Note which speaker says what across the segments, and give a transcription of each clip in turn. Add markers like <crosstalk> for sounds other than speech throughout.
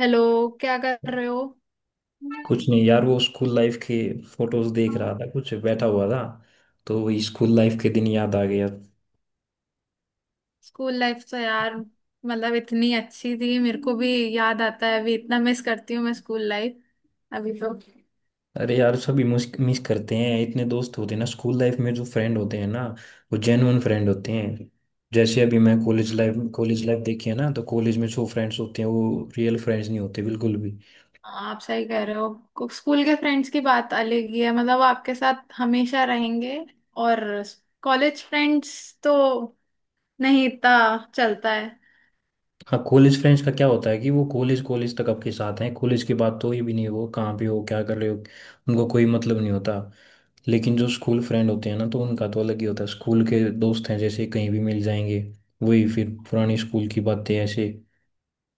Speaker 1: Hello, क्या कर रहे हो।
Speaker 2: कुछ नहीं यार, वो स्कूल लाइफ के फोटोज देख रहा था, कुछ बैठा हुआ था तो वही स्कूल लाइफ के दिन याद आ गया।
Speaker 1: स्कूल लाइफ तो यार मतलब इतनी अच्छी थी, मेरे को भी याद आता है। अभी इतना मिस करती हूँ मैं स्कूल लाइफ अभी तो।
Speaker 2: अरे यार सभी मिस करते हैं, इतने दोस्त होते हैं ना स्कूल लाइफ में। जो फ्रेंड होते हैं ना वो जेन्युइन फ्रेंड होते हैं। जैसे अभी मैं कॉलेज लाइफ देखी है ना, तो कॉलेज में जो फ्रेंड्स होते हैं वो रियल फ्रेंड्स नहीं होते बिल्कुल भी।
Speaker 1: हाँ, आप सही कह रहे हो, स्कूल के फ्रेंड्स की बात अलग ही है, मतलब आपके साथ हमेशा रहेंगे। और कॉलेज फ्रेंड्स तो नहीं इतना चलता है।
Speaker 2: हाँ, कॉलेज फ्रेंड्स का क्या होता है कि वो कॉलेज कॉलेज तक आपके साथ हैं। कॉलेज के बाद तो ये भी नहीं हो कहाँ पे हो क्या कर रहे हो, उनको कोई मतलब नहीं होता। लेकिन जो स्कूल फ्रेंड होते हैं ना तो उनका तो अलग ही होता है। स्कूल के दोस्त हैं जैसे कहीं भी मिल जाएंगे, वही फिर पुरानी स्कूल की बातें ऐसे।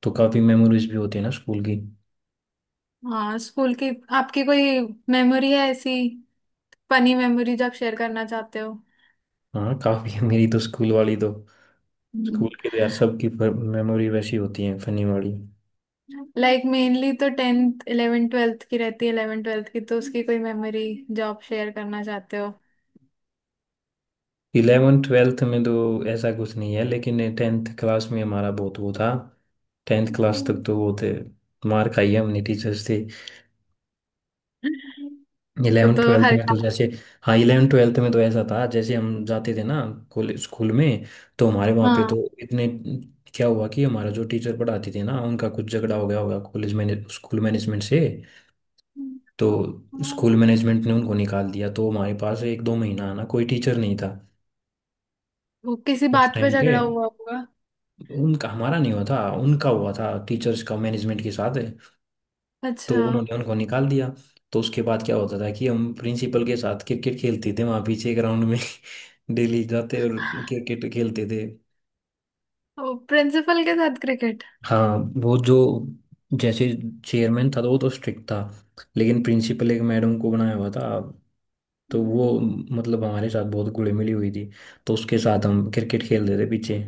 Speaker 2: तो काफ़ी मेमोरीज भी होती है ना स्कूल की।
Speaker 1: हाँ, स्कूल की आपकी कोई मेमोरी है ऐसी, फनी मेमोरी जो आप शेयर करना चाहते हो।
Speaker 2: हाँ काफ़ी है, मेरी तो स्कूल वाली तो, स्कूल के तो यार सबकी मेमोरी वैसी होती है, फनी वाली।
Speaker 1: लाइक मेनली तो टेंथ इलेवेंथ ट्वेल्थ की रहती है, इलेवेंथ ट्वेल्थ की तो उसकी कोई मेमोरी जो आप शेयर करना चाहते हो।
Speaker 2: इलेवन ट्वेल्थ में तो ऐसा कुछ नहीं है, लेकिन टेंथ क्लास में हमारा बहुत वो था। टेंथ क्लास तक तो वो थे, मार खाई है हमने टीचर्स से।
Speaker 1: तो
Speaker 2: इलेवन
Speaker 1: तो
Speaker 2: ट्वेल्थ
Speaker 1: हर।
Speaker 2: में तो जैसे, हाँ इलेवन ट्वेल्थ में तो ऐसा था जैसे हम जाते थे ना कॉलेज स्कूल में। तो हमारे वहाँ पे
Speaker 1: हाँ,
Speaker 2: तो इतने, क्या हुआ कि हमारा जो टीचर पढ़ाती थी ना उनका कुछ झगड़ा हो गया होगा कॉलेज मैने स्कूल मैनेजमेंट से। तो स्कूल मैनेजमेंट ने उनको निकाल दिया तो हमारे पास एक दो महीना ना कोई टीचर नहीं था।
Speaker 1: वो किसी
Speaker 2: उस
Speaker 1: बात पे
Speaker 2: टाइम पे
Speaker 1: झगड़ा हुआ होगा।
Speaker 2: उनका हमारा नहीं हुआ था, उनका हुआ था टीचर्स का मैनेजमेंट के साथ। तो
Speaker 1: अच्छा,
Speaker 2: उन्होंने उनको निकाल दिया। तो उसके बाद क्या होता था कि हम प्रिंसिपल के साथ क्रिकेट खेलते थे वहाँ पीछे ग्राउंड में। <laughs> डेली जाते और क्रिकेट खेलते थे।
Speaker 1: वो प्रिंसिपल के साथ क्रिकेट।
Speaker 2: हाँ, वो जो जैसे चेयरमैन था तो वो तो स्ट्रिक्ट था। लेकिन प्रिंसिपल एक मैडम को बनाया हुआ था, तो वो मतलब हमारे साथ बहुत घुली मिली हुई थी। तो उसके साथ हम क्रिकेट खेलते थे पीछे।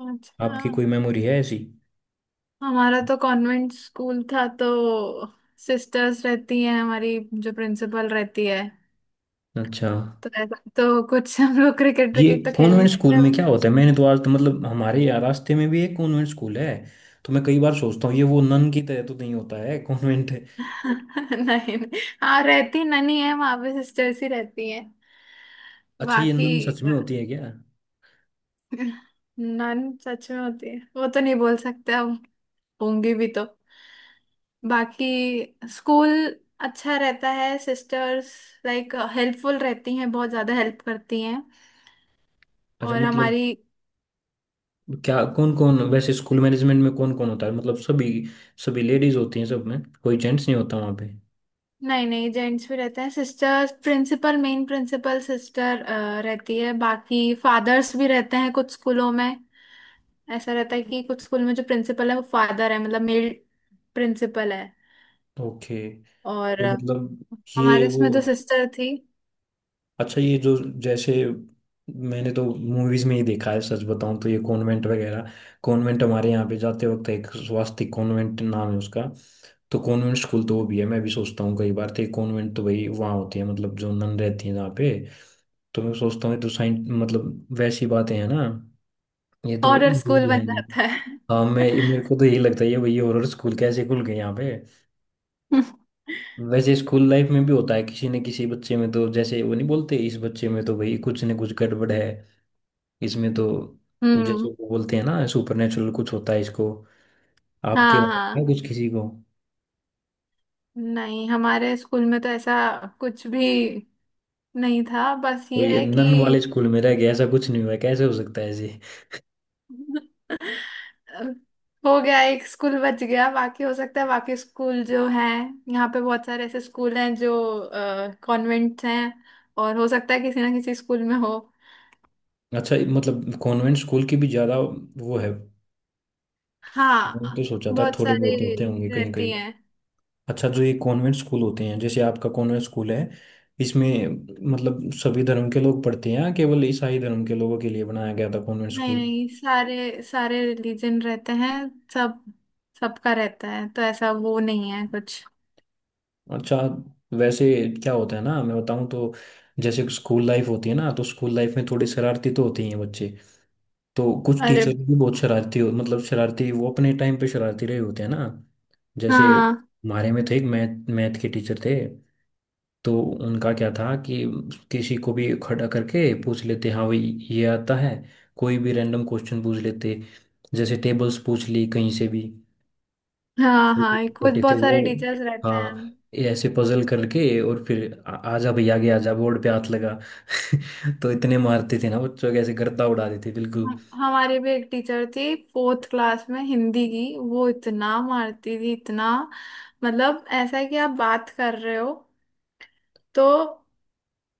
Speaker 1: अच्छा,
Speaker 2: आपकी कोई मेमोरी है ऐसी?
Speaker 1: हमारा तो कॉन्वेंट स्कूल था, तो सिस्टर्स रहती हैं हमारी, जो प्रिंसिपल रहती है।
Speaker 2: अच्छा,
Speaker 1: तो ऐसा तो कुछ हम लोग क्रिकेट
Speaker 2: ये
Speaker 1: क्रिकेट तो खेल नहीं
Speaker 2: कॉन्वेंट स्कूल
Speaker 1: सकते।
Speaker 2: में क्या होता है? मैंने तो आज तो, मतलब हमारे यहाँ रास्ते में भी एक कॉन्वेंट स्कूल है, तो मैं कई बार सोचता हूँ ये वो नन की तरह तो नहीं होता है कॉन्वेंट?
Speaker 1: <laughs> नहीं। नहीं। हाँ, रहती ननी है वहां पे, सिस्टर्स ही रहती हैं
Speaker 2: अच्छा, ये
Speaker 1: बाकी।
Speaker 2: नन सच में होती है क्या?
Speaker 1: नन सच में होती है वो तो नहीं बोल सकते अब, होंगी भी तो। बाकी स्कूल अच्छा रहता है, सिस्टर्स लाइक हेल्पफुल रहती हैं, बहुत ज़्यादा हेल्प करती हैं।
Speaker 2: अच्छा
Speaker 1: और
Speaker 2: मतलब,
Speaker 1: हमारी।
Speaker 2: क्या कौन कौन, वैसे स्कूल मैनेजमेंट में कौन कौन होता है? मतलब सभी सभी लेडीज होती हैं, सब में कोई जेंट्स नहीं होता वहाँ पे?
Speaker 1: नहीं नहीं, जेंट्स भी रहते हैं। Sisters principal, main principal sister रहती है, बाकी फादर्स भी रहते हैं कुछ स्कूलों में। ऐसा रहता है कि कुछ स्कूल में जो प्रिंसिपल है वो फादर है, मतलब मेल प्रिंसिपल है।
Speaker 2: ओके। तो
Speaker 1: और
Speaker 2: मतलब ये
Speaker 1: हमारे
Speaker 2: वो,
Speaker 1: इसमें जो सिस्टर थी।
Speaker 2: अच्छा ये जो जैसे, मैंने तो मूवीज में ही देखा है सच बताऊं तो, ये कॉन्वेंट वगैरह। कॉन्वेंट, हमारे यहाँ पे जाते वक्त एक स्वास्तिक कॉन्वेंट नाम है उसका, तो कॉन्वेंट स्कूल तो वो भी है। मैं भी सोचता हूँ कई बार तो ये कॉन्वेंट तो भाई वहाँ होती है, मतलब जो नन रहती है जहाँ पे। तो मैं सोचता हूँ ये तो साइंस, मतलब वैसी बातें हैं ना, ये तो
Speaker 1: हॉरर स्कूल
Speaker 2: रियल है
Speaker 1: बन
Speaker 2: नहीं।
Speaker 1: जाता है।
Speaker 2: हाँ, मैं,
Speaker 1: <laughs>
Speaker 2: मेरे को तो यही लगता है ये भाई हॉरर स्कूल कैसे खुल गए यहाँ पे। वैसे स्कूल लाइफ में भी होता है किसी न किसी बच्चे में, तो जैसे वो नहीं बोलते इस बच्चे में तो भाई कुछ न कुछ गड़बड़ है इसमें तो, जैसे
Speaker 1: हम्म।
Speaker 2: वो बोलते हैं ना सुपर नेचुरल कुछ होता है इसको। आपके
Speaker 1: हाँ,
Speaker 2: में है
Speaker 1: हाँ।
Speaker 2: कुछ किसी को?
Speaker 1: नहीं, हमारे स्कूल में तो ऐसा कुछ भी नहीं था, बस
Speaker 2: तो
Speaker 1: ये
Speaker 2: ये
Speaker 1: है कि
Speaker 2: नन वाले स्कूल में रह गया, ऐसा कुछ नहीं हुआ? कैसे हो सकता है ऐसे?
Speaker 1: <laughs> हो गया, एक स्कूल बच गया। बाकी हो सकता है बाकी स्कूल जो है, यहाँ पे बहुत सारे ऐसे स्कूल हैं जो कॉन्वेंट्स हैं, और हो सकता है किसी ना किसी स्कूल में हो।
Speaker 2: अच्छा मतलब कॉन्वेंट स्कूल की भी ज़्यादा वो है, मैंने तो
Speaker 1: हाँ,
Speaker 2: सोचा था
Speaker 1: बहुत
Speaker 2: थोड़े
Speaker 1: सारे
Speaker 2: बहुत होते होंगे
Speaker 1: रहती
Speaker 2: कहीं।
Speaker 1: हैं।
Speaker 2: अच्छा जो ये कॉन्वेंट स्कूल होते हैं जैसे आपका कॉन्वेंट स्कूल है, इसमें मतलब सभी धर्म के लोग पढ़ते हैं, या केवल ईसाई धर्म के लोगों के लिए बनाया गया था कॉन्वेंट
Speaker 1: नहीं
Speaker 2: स्कूल?
Speaker 1: नहीं, सारे सारे रिलीजन रहते हैं। सब सबका रहता है, तो ऐसा वो नहीं है कुछ।
Speaker 2: अच्छा। वैसे क्या होता है ना, मैं बताऊं तो, जैसे स्कूल लाइफ होती है ना, तो स्कूल लाइफ में थोड़ी शरारती तो होती हैं बच्चे। तो कुछ
Speaker 1: अरे।
Speaker 2: टीचर भी बहुत शरारती हो, मतलब शरारती वो अपने टाइम पे शरारती रहे होते हैं ना। जैसे
Speaker 1: हाँ,
Speaker 2: हमारे में थे, एक मैथ मैथ के टीचर थे। तो उनका क्या था कि किसी को भी खड़ा करके पूछ लेते, हाँ भाई ये आता है? कोई भी रैंडम क्वेश्चन पूछ लेते, जैसे टेबल्स पूछ ली कहीं से भी।
Speaker 1: हाँ। हाँ,
Speaker 2: <laughs>
Speaker 1: कुछ
Speaker 2: होते थे
Speaker 1: बहुत
Speaker 2: वो।
Speaker 1: सारे टीचर्स रहते हैं।
Speaker 2: हाँ ये ऐसे पजल करके, और फिर आजा भैया आगे, आजा बोर्ड पे हाथ लगा। <laughs> तो इतने मारते थे ना बच्चों के, ऐसे गर्दा उड़ा देते बिल्कुल।
Speaker 1: हमारी भी एक टीचर थी फोर्थ क्लास में, हिंदी की। वो इतना मारती थी, इतना मतलब ऐसा है कि आप बात कर रहे हो, तो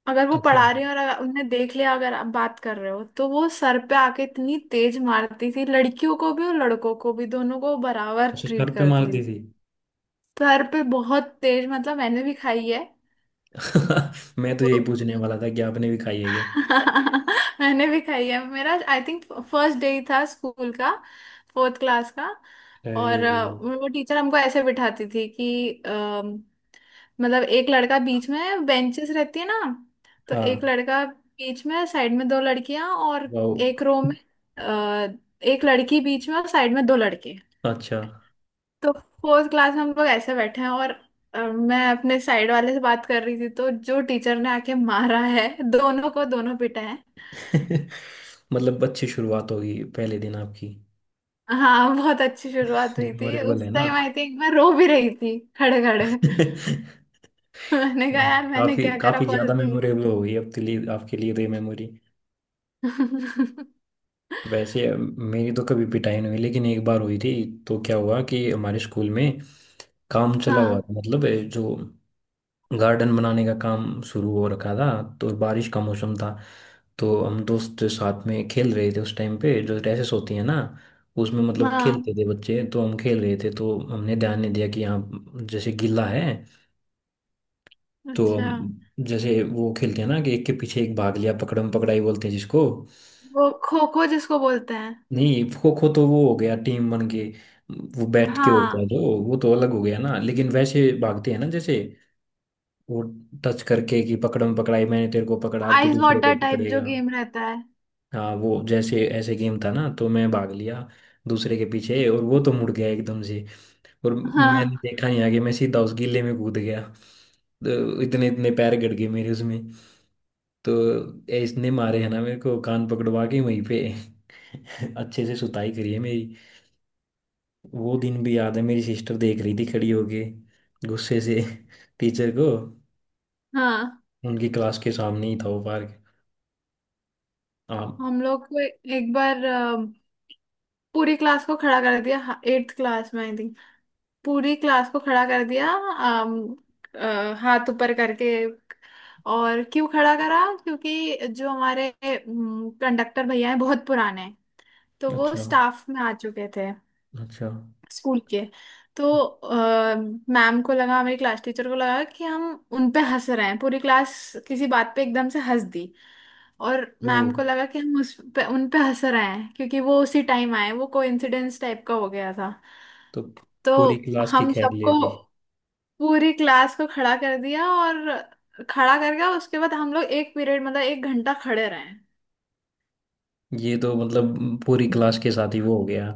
Speaker 1: अगर वो
Speaker 2: अच्छा।
Speaker 1: पढ़ा रही हो और अगर उनने देख लिया, अगर आप बात कर रहे हो, तो वो सर पे आके इतनी तेज मारती थी। लड़कियों को भी और लड़कों को भी, दोनों को बराबर
Speaker 2: अच्छा सर
Speaker 1: ट्रीट
Speaker 2: पे
Speaker 1: करती
Speaker 2: मारती
Speaker 1: थी।
Speaker 2: थी?
Speaker 1: सर पे बहुत तेज, मतलब मैंने भी खाई है
Speaker 2: <laughs> मैं तो
Speaker 1: तो।
Speaker 2: यही पूछने वाला था कि आपने भी खाई है क्या?
Speaker 1: <laughs> मैंने भी खाई है, मेरा आई थिंक फर्स्ट डे ही था स्कूल का, फोर्थ क्लास का।
Speaker 2: अरे!
Speaker 1: और वो टीचर हमको ऐसे बिठाती थी कि मतलब एक लड़का बीच में, बेंचेस रहती है ना, तो एक
Speaker 2: हाँ।
Speaker 1: लड़का बीच में, साइड में दो लड़कियां, और
Speaker 2: वाह।
Speaker 1: एक रो में अ, एक लड़की बीच में और साइड में दो लड़के।
Speaker 2: अच्छा।
Speaker 1: तो फोर्थ क्लास में हम लोग ऐसे बैठे हैं, और मैं अपने साइड वाले से बात कर रही थी, तो जो टीचर ने आके मारा है, दोनों को, दोनों पिटा है।
Speaker 2: <laughs> मतलब अच्छी शुरुआत होगी पहले दिन आपकी।
Speaker 1: हाँ, बहुत अच्छी
Speaker 2: <laughs>
Speaker 1: शुरुआत हुई थी
Speaker 2: मेमोरेबल
Speaker 1: उस
Speaker 2: है ना।
Speaker 1: टाइम। आई थिंक मैं रो भी रही थी खड़े खड़े। <laughs>
Speaker 2: <laughs>
Speaker 1: मैंने कहा यार, मैंने
Speaker 2: काफी
Speaker 1: क्या करा
Speaker 2: काफी
Speaker 1: फर्स्ट
Speaker 2: ज्यादा
Speaker 1: दिन।
Speaker 2: मेमोरेबल हो गई आपके लिए, आपके लिए तो ये मेमोरी।
Speaker 1: <laughs>
Speaker 2: वैसे मेरी तो कभी पिटाई नहीं हुई, लेकिन एक बार हुई थी। तो क्या हुआ कि हमारे स्कूल में काम चला हुआ
Speaker 1: हाँ,
Speaker 2: था, मतलब जो गार्डन बनाने का काम शुरू हो रखा था। तो बारिश का मौसम था। तो हम दोस्त साथ में खेल रहे थे उस टाइम पे, जो रेसेस होती है ना उसमें मतलब
Speaker 1: हाँ।
Speaker 2: खेलते थे बच्चे। तो हम खेल रहे थे, तो हमने ध्यान नहीं दिया कि यहाँ जैसे गिल्ला है। तो
Speaker 1: अच्छा,
Speaker 2: हम जैसे वो खेलते हैं ना कि एक के पीछे एक भाग लिया, पकड़म पकड़ाई बोलते हैं जिसको।
Speaker 1: वो खो खो जिसको बोलते हैं।
Speaker 2: नहीं खो खो तो वो हो गया टीम बन के, वो बैठ के होता है
Speaker 1: हाँ,
Speaker 2: जो, वो तो अलग हो गया ना। लेकिन वैसे भागते हैं ना जैसे, वो टच करके कि पकड़म पकड़ाई, मैंने तेरे को पकड़ा, अब तो
Speaker 1: आइस
Speaker 2: दूसरे को
Speaker 1: वाटर टाइप जो
Speaker 2: पकड़ेगा।
Speaker 1: गेम रहता है।
Speaker 2: हाँ वो जैसे ऐसे गेम था ना, तो मैं भाग लिया दूसरे के पीछे, और वो तो मुड़ गया एकदम से, और मैंने
Speaker 1: हाँ,
Speaker 2: देखा नहीं आगे, मैं सीधा उस गिल्ले में कूद गया। तो इतने इतने पैर गड़ गए मेरे उसमें। तो ये इसने मारे है ना मेरे को, कान पकड़वा के वहीं पे। <laughs> अच्छे से सुताई करी है मेरी। वो दिन भी याद है, मेरी सिस्टर देख रही थी खड़ी होके गुस्से से। <laughs> टीचर को।
Speaker 1: हाँ।
Speaker 2: उनकी क्लास के सामने ही था वो पार्क। हाँ।
Speaker 1: हम लोग को एक बार पूरी क्लास को खड़ा कर दिया। एट्थ क्लास में आई, पूरी क्लास को खड़ा कर दिया। हाथ ऊपर करके। और क्यों खड़ा करा, क्योंकि जो हमारे कंडक्टर भैया हैं, बहुत पुराने हैं, तो वो
Speaker 2: अच्छा।
Speaker 1: स्टाफ में आ चुके थे
Speaker 2: अच्छा
Speaker 1: स्कूल के। तो मैम को लगा, हमारी क्लास टीचर को लगा कि हम उन पे हंस रहे हैं, पूरी क्लास। किसी बात पे एकदम से हंस दी, और
Speaker 2: वो
Speaker 1: मैम को लगा कि हम उस पे, उन पे हंस रहे हैं, क्योंकि वो उसी टाइम आए, वो कोइंसिडेंस टाइप का हो गया था।
Speaker 2: तो
Speaker 1: तो
Speaker 2: पूरी क्लास की
Speaker 1: हम
Speaker 2: खैर ले
Speaker 1: सबको,
Speaker 2: दी।
Speaker 1: पूरी क्लास को खड़ा कर दिया, और खड़ा कर गया। उसके बाद हम लोग एक पीरियड, मतलब एक घंटा खड़े रहे।
Speaker 2: ये तो मतलब पूरी क्लास के साथ ही वो हो गया,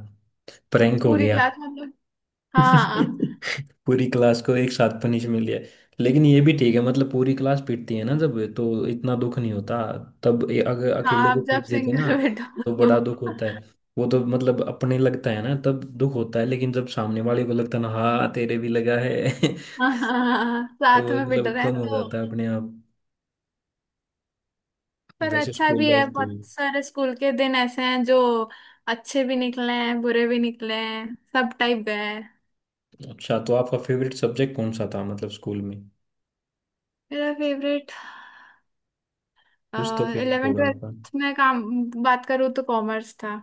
Speaker 2: प्रैंक हो
Speaker 1: पूरी
Speaker 2: गया।
Speaker 1: क्लास में हम लोग,
Speaker 2: <laughs>
Speaker 1: हाँ।
Speaker 2: पूरी क्लास को एक साथ पनिश मिल गया। लेकिन ये भी ठीक है, मतलब पूरी क्लास पीटती है ना जब, तो इतना दुख नहीं होता। तब ये अगर
Speaker 1: हाँ,
Speaker 2: अकेले को
Speaker 1: आप जब
Speaker 2: पीट देते ना,
Speaker 1: सिंगल <laughs> बैठो
Speaker 2: तो
Speaker 1: तो।
Speaker 2: बड़ा दुख होता है। वो तो मतलब अपने लगता है ना तब दुख होता है, लेकिन जब सामने वाले को लगता है ना, हाँ तेरे भी लगा है। <laughs>
Speaker 1: हाँ हाँ, हाँ, हाँ,
Speaker 2: तो
Speaker 1: साथ
Speaker 2: वो
Speaker 1: में बैठ
Speaker 2: मतलब
Speaker 1: रहे हैं
Speaker 2: कम हो
Speaker 1: तो।
Speaker 2: जाता है अपने आप।
Speaker 1: पर
Speaker 2: वैसे
Speaker 1: अच्छा
Speaker 2: स्कूल
Speaker 1: भी है,
Speaker 2: लाइफ थी।
Speaker 1: बहुत सारे स्कूल के दिन ऐसे हैं जो अच्छे भी निकले हैं, बुरे भी निकले हैं, सब टाइप गए हैं।
Speaker 2: अच्छा तो आपका फेवरेट सब्जेक्ट कौन सा था, मतलब स्कूल में?
Speaker 1: मेरा फेवरेट
Speaker 2: कुछ तो फेवरेट
Speaker 1: इलेवेंथ
Speaker 2: होगा आपका।
Speaker 1: ट्वेल्थ में काम, बात करूँ तो कॉमर्स था।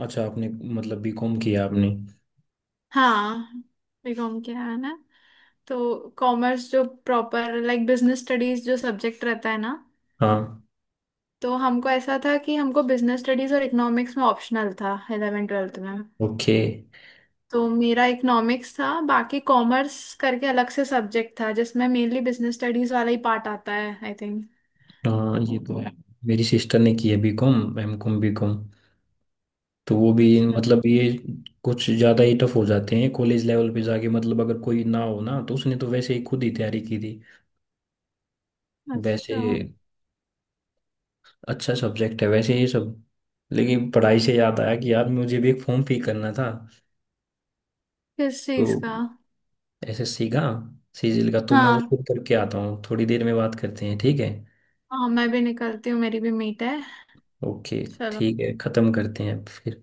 Speaker 2: अच्छा आपने, मतलब बीकॉम किया आपने?
Speaker 1: हाँ, बीकॉम किया है ना। तो कॉमर्स जो प्रॉपर लाइक बिजनेस स्टडीज जो सब्जेक्ट रहता है ना,
Speaker 2: हाँ।
Speaker 1: तो हमको ऐसा था कि हमको बिजनेस स्टडीज और इकोनॉमिक्स में ऑप्शनल था 11 ट्वेल्थ में।
Speaker 2: ओके।
Speaker 1: तो मेरा इकोनॉमिक्स था, बाकी कॉमर्स करके अलग से सब्जेक्ट था, जिसमें मेनली बिजनेस स्टडीज वाला ही पार्ट आता है आई थिंक।
Speaker 2: हाँ ये तो है, मेरी सिस्टर ने की है बीकॉम एम कॉम बीकॉम। तो वो भी
Speaker 1: अच्छा।
Speaker 2: मतलब ये कुछ ज़्यादा ही टफ हो जाते हैं कॉलेज लेवल पे जाके, मतलब अगर कोई ना हो ना, तो उसने तो वैसे ही खुद ही तैयारी की थी। वैसे
Speaker 1: अच्छा,
Speaker 2: अच्छा सब्जेक्ट है वैसे ये सब। लेकिन पढ़ाई से याद आया कि यार मुझे भी एक फॉर्म फिल करना था।
Speaker 1: किस चीज
Speaker 2: तो
Speaker 1: का।
Speaker 2: ऐसे सीगा सीजिल का, तो मैं वो
Speaker 1: हाँ।
Speaker 2: फिर करके आता हूँ, थोड़ी देर में बात करते हैं, ठीक है?
Speaker 1: हाँ, मैं भी निकलती हूँ, मेरी भी मीट है।
Speaker 2: ओके।
Speaker 1: चलो।
Speaker 2: ठीक है, ख़त्म करते हैं फिर।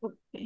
Speaker 1: ओके।